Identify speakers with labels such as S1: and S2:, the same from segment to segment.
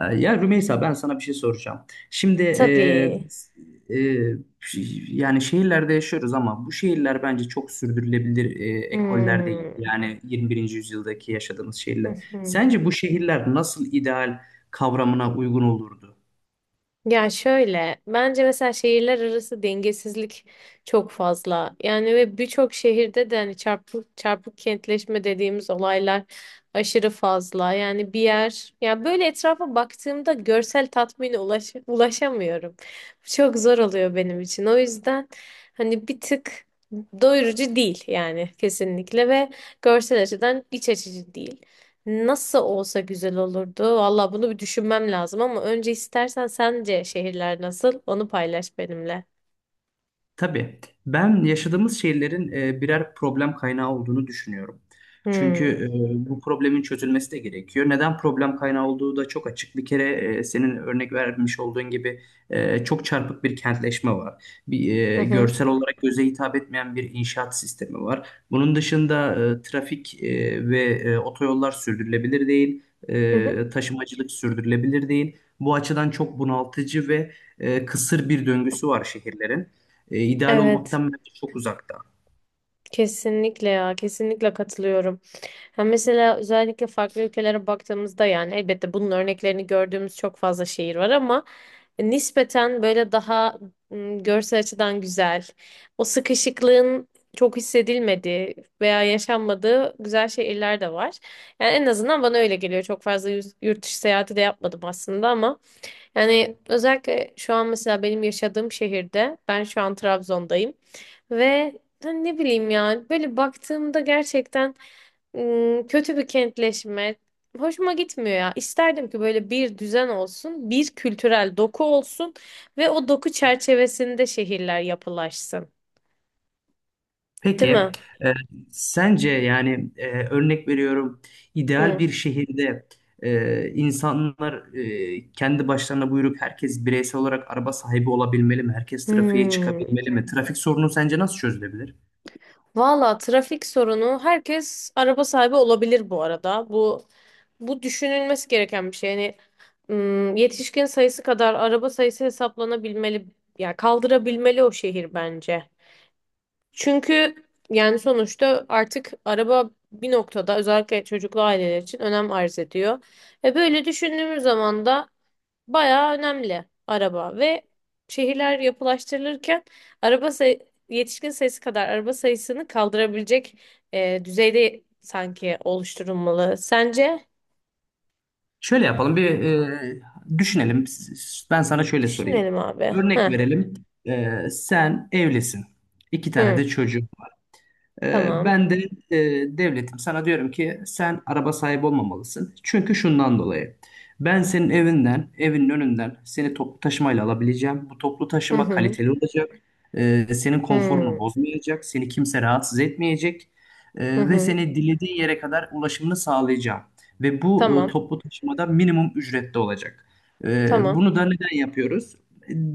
S1: Ya Rümeysa ben sana bir şey soracağım. Şimdi
S2: Tabii.
S1: e, yani şehirlerde yaşıyoruz ama bu şehirler bence çok sürdürülebilir ekoller değil.
S2: Hmm.
S1: Yani 21. yüzyıldaki yaşadığımız
S2: Hı
S1: şehirler.
S2: hı.
S1: Sence bu şehirler nasıl ideal kavramına uygun olurdu?
S2: Ya şöyle, bence mesela şehirler arası dengesizlik çok fazla. Yani ve birçok şehirde de hani çarpık çarpık kentleşme dediğimiz olaylar aşırı fazla. Yani bir yer, ya böyle etrafa baktığımda görsel tatmine ulaşamıyorum. Çok zor oluyor benim için. O yüzden hani bir tık doyurucu değil yani kesinlikle ve görsel açıdan iç açıcı değil. Nasıl olsa güzel olurdu. Valla bunu bir düşünmem lazım ama önce istersen sence şehirler nasıl? Onu paylaş benimle.
S1: Tabii. Ben yaşadığımız şehirlerin birer problem kaynağı olduğunu düşünüyorum. Çünkü
S2: Hmm.
S1: bu problemin çözülmesi de gerekiyor. Neden problem kaynağı olduğu da çok açık. Bir kere senin örnek vermiş olduğun gibi çok çarpık bir kentleşme var. Bir
S2: Hı hı.
S1: görsel olarak göze hitap etmeyen bir inşaat sistemi var. Bunun dışında trafik ve otoyollar sürdürülebilir değil.
S2: Hı hı.
S1: Taşımacılık sürdürülebilir değil. Bu açıdan çok bunaltıcı ve kısır bir döngüsü var şehirlerin. İdeal
S2: Evet.
S1: olmaktan bence çok uzakta.
S2: Kesinlikle ya. Kesinlikle katılıyorum. Ha mesela özellikle farklı ülkelere baktığımızda yani elbette bunun örneklerini gördüğümüz çok fazla şehir var ama nispeten böyle daha görsel açıdan güzel, o sıkışıklığın çok hissedilmediği veya yaşanmadığı güzel şehirler de var. Yani en azından bana öyle geliyor. Çok fazla yurt dışı seyahati de yapmadım aslında ama yani özellikle şu an mesela benim yaşadığım şehirde ben şu an Trabzon'dayım ve hani ne bileyim yani böyle baktığımda gerçekten kötü bir kentleşme. Hoşuma gitmiyor ya. İsterdim ki böyle bir düzen olsun, bir kültürel doku olsun ve o doku çerçevesinde şehirler yapılaşsın. Değil
S1: Peki,
S2: mi?
S1: e, sence yani örnek veriyorum ideal
S2: Hı.
S1: bir şehirde insanlar kendi başlarına buyurup herkes bireysel olarak araba sahibi olabilmeli mi? Herkes trafiğe
S2: Hmm.
S1: çıkabilmeli mi? Trafik sorunu sence nasıl çözülebilir?
S2: Valla trafik sorunu herkes araba sahibi olabilir bu arada. Bu düşünülmesi gereken bir şey. Yani yetişkin sayısı kadar araba sayısı hesaplanabilmeli. Ya kaldırabilmeli o şehir bence. Çünkü yani sonuçta artık araba bir noktada özellikle çocuklu aileler için önem arz ediyor. Ve böyle düşündüğümüz zaman da bayağı önemli araba ve şehirler yapılaştırılırken araba say- yetişkin sayısı kadar araba sayısını kaldırabilecek düzeyde sanki oluşturulmalı. Sence?
S1: Şöyle yapalım bir düşünelim. Ben sana şöyle sorayım.
S2: Düşünelim abi.
S1: Örnek
S2: Heh.
S1: verelim. Sen evlisin. İki tane
S2: Hı.
S1: de çocuğun.
S2: Tamam.
S1: Ben de devletim, sana diyorum ki sen araba sahibi olmamalısın. Çünkü şundan dolayı. Ben senin evinden, evinin önünden seni toplu taşımayla alabileceğim. Bu toplu
S2: Hı
S1: taşıma
S2: hı.
S1: kaliteli olacak. Senin konforunu
S2: Hı.
S1: bozmayacak. Seni kimse rahatsız etmeyecek.
S2: Hı
S1: Ve
S2: hı.
S1: seni dilediğin yere kadar ulaşımını sağlayacağım. Ve bu
S2: Tamam.
S1: toplu taşımada minimum ücrette olacak.
S2: Tamam.
S1: Bunu da neden yapıyoruz?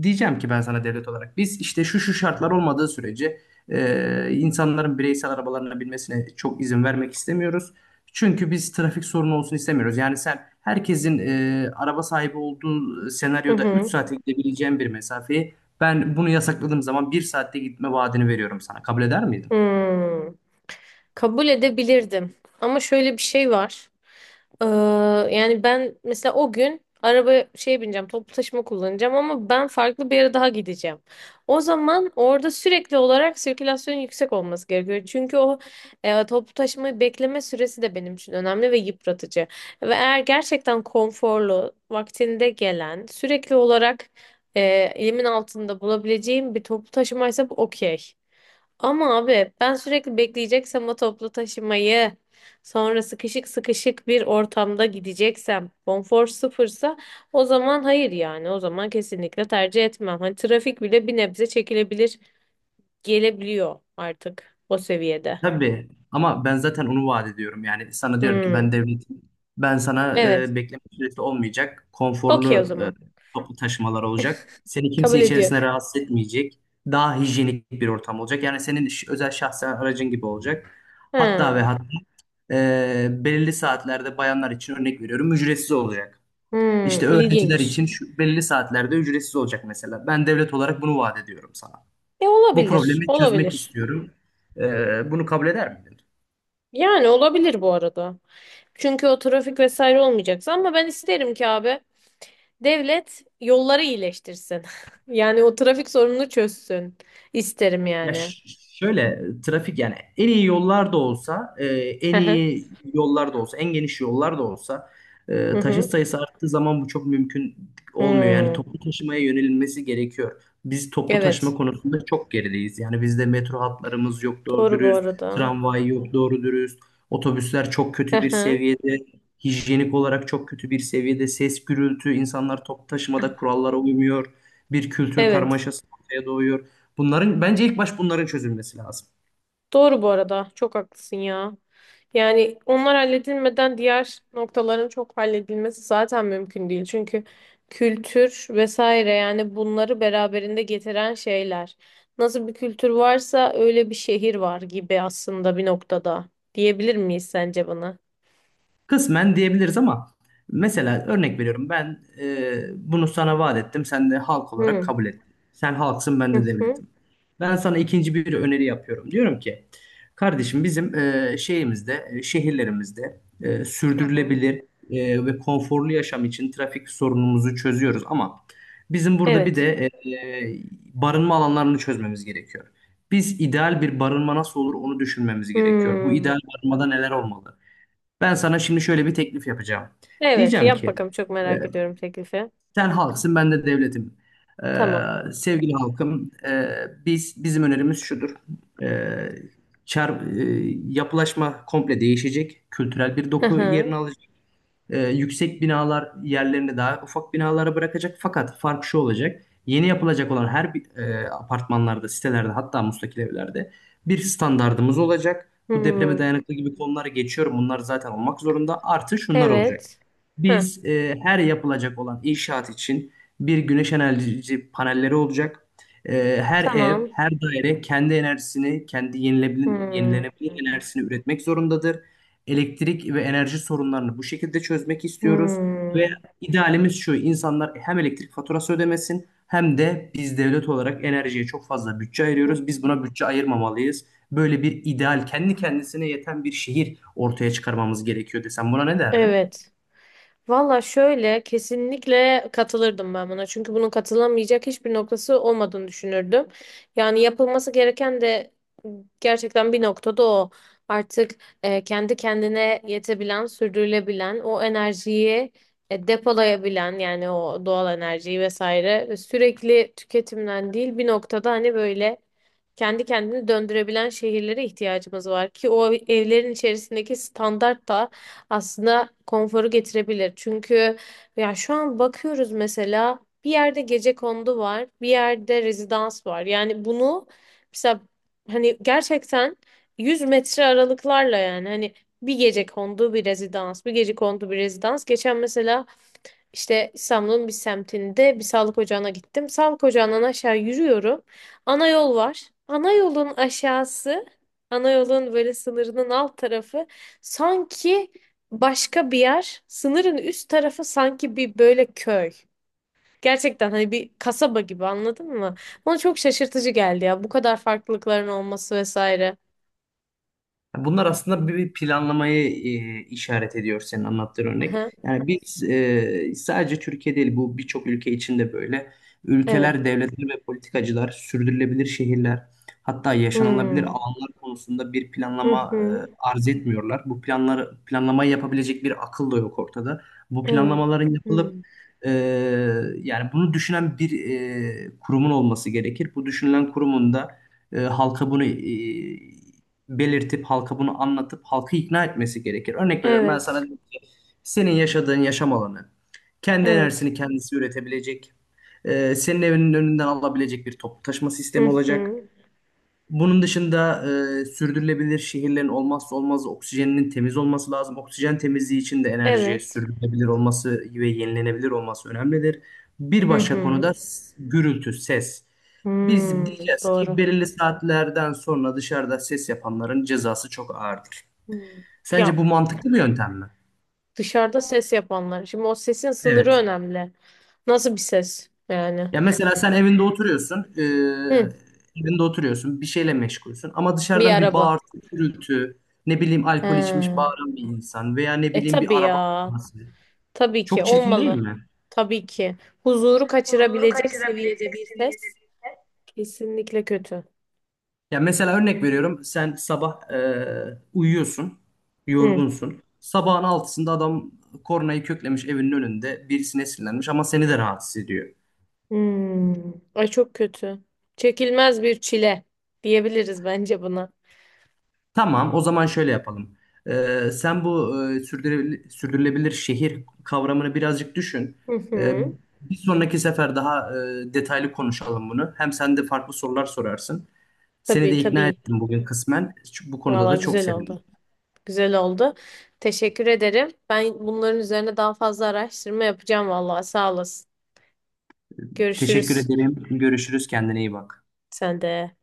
S1: Diyeceğim ki ben sana devlet olarak biz işte şu şu şartlar olmadığı sürece insanların bireysel arabalarına binmesine çok izin vermek istemiyoruz. Çünkü biz trafik sorunu olsun istemiyoruz. Yani sen herkesin araba sahibi olduğu
S2: Hı
S1: senaryoda 3
S2: hı.
S1: saate gidebileceğin bir mesafeyi ben bunu yasakladığım zaman bir saatte gitme vaadini veriyorum sana. Kabul eder miydin?
S2: Hı. Kabul edebilirdim. Ama şöyle bir şey var. Ee, yani ben mesela o gün araba şey bineceğim, toplu taşıma kullanacağım ama ben farklı bir yere daha gideceğim. O zaman orada sürekli olarak sirkülasyon yüksek olması gerekiyor. Çünkü o toplu taşımayı bekleme süresi de benim için önemli ve yıpratıcı. Ve eğer gerçekten konforlu, vaktinde gelen, sürekli olarak e, elimin altında bulabileceğim bir toplu taşımaysa bu okey. Ama abi ben sürekli bekleyeceksem o toplu taşımayı sonra sıkışık sıkışık bir ortamda gideceksem konfor sıfırsa o zaman hayır yani o zaman kesinlikle tercih etmem. Hani trafik bile bir nebze çekilebilir gelebiliyor artık o seviyede.
S1: Tabii ama ben zaten onu vaat ediyorum. Yani sana diyorum ki ben
S2: Hmm.
S1: devletim. Ben sana
S2: Evet.
S1: bekleme süresi olmayacak.
S2: Okey o
S1: Konforlu
S2: zaman.
S1: toplu taşımalar olacak. Seni kimse
S2: Kabul ediyorum.
S1: içerisine rahatsız etmeyecek. Daha hijyenik bir ortam olacak. Yani senin özel şahsen aracın gibi olacak. Hatta ve
S2: Ha.
S1: hatta belirli saatlerde bayanlar için örnek veriyorum ücretsiz olacak.
S2: Hmm.
S1: İşte öğrenciler
S2: İlginç.
S1: için şu belirli saatlerde ücretsiz olacak mesela. Ben devlet olarak bunu vaat ediyorum sana.
S2: E
S1: Bu
S2: olabilir.
S1: problemi çözmek
S2: Olabilir.
S1: istiyorum. Bunu kabul eder miydin?
S2: Yani olabilir bu arada. Çünkü o trafik vesaire olmayacaksa ama ben isterim ki abi. Devlet yolları iyileştirsin. Yani o trafik sorununu çözsün. İsterim
S1: Ya ş-
S2: yani.
S1: Şöyle trafik yani en iyi yollar da olsa e,
S2: Hı
S1: en
S2: hı.
S1: iyi yollar da olsa en geniş yollar da olsa
S2: Hı
S1: taşıt
S2: hı.
S1: sayısı arttığı zaman bu çok mümkün olmuyor. Yani
S2: Hmm.
S1: toplu taşımaya yönelilmesi gerekiyor. Biz toplu taşıma
S2: Evet.
S1: konusunda çok gerideyiz. Yani bizde metro hatlarımız yok doğru
S2: Doğru bu
S1: dürüst,
S2: arada.
S1: tramvay yok doğru dürüst, otobüsler çok
S2: Hı
S1: kötü bir
S2: hı.
S1: seviyede, hijyenik olarak çok kötü bir seviyede, ses gürültü, insanlar toplu taşımada kurallara uymuyor. Bir kültür
S2: Evet.
S1: karmaşası ortaya doğuyor. Bunların bence ilk baş bunların çözülmesi lazım.
S2: Doğru bu arada. Çok haklısın ya. Yani onlar halledilmeden diğer noktaların çok halledilmesi zaten mümkün değil. Çünkü kültür vesaire yani bunları beraberinde getiren şeyler. Nasıl bir kültür varsa öyle bir şehir var gibi aslında bir noktada. Diyebilir miyiz sence bana?
S1: Kısmen diyebiliriz ama mesela örnek veriyorum ben bunu sana vaat ettim sen de halk olarak
S2: Hı.
S1: kabul ettin. Sen halksın ben
S2: Hı
S1: de
S2: hı.
S1: devletim. Ben sana ikinci bir öneri yapıyorum. Diyorum ki kardeşim bizim şehirlerimizde
S2: Hı hı.
S1: sürdürülebilir ve konforlu yaşam için trafik sorunumuzu çözüyoruz ama bizim burada bir
S2: Evet.
S1: de e, e, barınma alanlarını çözmemiz gerekiyor. Biz ideal bir barınma nasıl olur onu düşünmemiz gerekiyor. Bu
S2: Hmm.
S1: ideal barınmada neler olmalı? Ben sana şimdi şöyle bir teklif yapacağım.
S2: Evet,
S1: Diyeceğim
S2: yap
S1: ki
S2: bakalım çok
S1: e,
S2: merak ediyorum teklifi.
S1: sen halksın ben de devletim.
S2: Tamam.
S1: Sevgili halkım, biz bizim önerimiz şudur. E, çar, e, Yapılaşma komple değişecek. Kültürel bir
S2: Hı
S1: doku
S2: hı.
S1: yerini alacak. Yüksek binalar yerlerini daha ufak binalara bırakacak. Fakat fark şu olacak. Yeni yapılacak olan her bir, apartmanlarda, sitelerde hatta müstakil evlerde bir standardımız olacak. Bu depreme
S2: Hmm.
S1: dayanıklı gibi konuları geçiyorum. Bunlar zaten olmak zorunda. Artı şunlar olacak.
S2: Evet. Heh.
S1: Biz her yapılacak olan inşaat için bir güneş enerji panelleri olacak. Her ev,
S2: Tamam.
S1: her daire kendi enerjisini, kendi
S2: Hmm,
S1: yenilenebilir enerjisini üretmek zorundadır, elektrik ve enerji sorunlarını bu şekilde çözmek istiyoruz ve
S2: hmm,
S1: idealimiz şu: insanlar hem elektrik faturası ödemesin hem de biz devlet olarak enerjiye çok fazla bütçe ayırıyoruz. Biz
S2: hmm.
S1: buna bütçe ayırmamalıyız. Böyle bir ideal kendi kendisine yeten bir şehir ortaya çıkarmamız gerekiyor desem buna ne derdin?
S2: Evet. Valla şöyle kesinlikle katılırdım ben buna. Çünkü bunun katılamayacak hiçbir noktası olmadığını düşünürdüm. Yani yapılması gereken de gerçekten bir noktada o. Artık kendi kendine yetebilen, sürdürülebilen, o enerjiyi depolayabilen yani o doğal enerjiyi vesaire sürekli tüketimden değil bir noktada hani böyle kendi kendini döndürebilen şehirlere ihtiyacımız var ki o evlerin içerisindeki standart da aslında konforu getirebilir. Çünkü ya şu an bakıyoruz mesela bir yerde gecekondu var, bir yerde rezidans var. Yani bunu mesela hani gerçekten 100 metre aralıklarla yani hani bir gecekondu bir rezidans, bir gecekondu bir rezidans. Geçen mesela işte İstanbul'un bir semtinde bir sağlık ocağına gittim. Sağlık ocağından aşağı yürüyorum. Ana yol var. Ana yolun aşağısı, ana yolun böyle sınırının alt tarafı sanki başka bir yer. Sınırın üst tarafı sanki bir böyle köy. Gerçekten hani bir kasaba gibi anladın mı? Bana çok şaşırtıcı geldi ya bu kadar farklılıkların olması vesaire.
S1: Bunlar aslında bir planlamayı işaret ediyor, senin anlattığın örnek.
S2: Aha,
S1: Yani biz sadece Türkiye değil bu birçok ülke içinde böyle.
S2: evet.
S1: Ülkeler, devletler ve politikacılar sürdürülebilir şehirler hatta yaşanılabilir
S2: Hmm.
S1: alanlar konusunda bir
S2: Hı
S1: planlama
S2: hı.
S1: arz etmiyorlar. Bu planları planlamayı yapabilecek bir akıl da yok ortada. Bu
S2: Evet.
S1: planlamaların yapılıp
S2: Hmm.
S1: e, yani bunu düşünen bir kurumun olması gerekir. Bu düşünülen kurumun da halka bunu belirtip halka bunu anlatıp halkı ikna etmesi gerekir. Örnek veriyorum, ben sana
S2: Evet.
S1: dedim ki senin yaşadığın yaşam alanı kendi
S2: Evet.
S1: enerjisini kendisi üretebilecek, senin evinin önünden alabilecek bir toplu taşıma
S2: Hı
S1: sistemi olacak.
S2: hı.
S1: Bunun dışında sürdürülebilir şehirlerin olmazsa olmazı oksijeninin temiz olması lazım. Oksijen temizliği için de enerji
S2: Evet.
S1: sürdürülebilir olması ve yenilenebilir olması önemlidir. Bir
S2: Hı
S1: başka
S2: hı.
S1: konuda gürültü, ses. Biz
S2: Hmm,
S1: diyeceğiz ki
S2: doğru.
S1: belirli saatlerden sonra dışarıda ses yapanların cezası çok ağırdır.
S2: Hmm. Ya
S1: Sence bu mantıklı bir yöntem mi?
S2: dışarıda ses yapanlar. Şimdi o sesin sınırı
S1: Evet.
S2: önemli. Nasıl bir ses yani?
S1: Ya mesela sen evinde oturuyorsun,
S2: Hı,
S1: evinde oturuyorsun, bir şeyle meşgulsün ama
S2: bir
S1: dışarıdan bir
S2: araba.
S1: bağırtı, gürültü, ne bileyim alkol içmiş
S2: He.
S1: bağıran bir insan veya ne
S2: E
S1: bileyim
S2: tabii
S1: bir araba
S2: ya.
S1: kullanması.
S2: Tabii ki
S1: Çok çirkin değil
S2: olmalı.
S1: mi?
S2: Tabii ki. Huzuru
S1: Huzuru
S2: kaçırabilecek seviyede
S1: kaçırabilecek
S2: bir
S1: seviyede
S2: ses
S1: bir ses.
S2: kesinlikle kötü.
S1: Ya mesela örnek veriyorum, sen sabah uyuyorsun,
S2: Hı.
S1: yorgunsun. Sabahın altısında adam kornayı köklemiş evinin önünde, birisine sinirlenmiş ama seni de rahatsız ediyor.
S2: Hmm. Ay çok kötü. Çekilmez bir çile diyebiliriz bence buna.
S1: Tamam, o zaman şöyle yapalım. Sen bu sürdürülebilir şehir kavramını birazcık düşün.
S2: Hı
S1: Ee,
S2: hı.
S1: Bir sonraki sefer daha detaylı konuşalım bunu. Hem sen de farklı sorular sorarsın. Seni
S2: Tabii
S1: de ikna
S2: tabii.
S1: ettim bugün kısmen. Bu konuda
S2: Valla
S1: da çok
S2: güzel
S1: sevindim.
S2: oldu. Güzel oldu. Teşekkür ederim. Ben bunların üzerine daha fazla araştırma yapacağım vallahi. Sağ olasın.
S1: Teşekkür
S2: Görüşürüz.
S1: ederim. Görüşürüz. Kendine iyi bak.
S2: Sen de.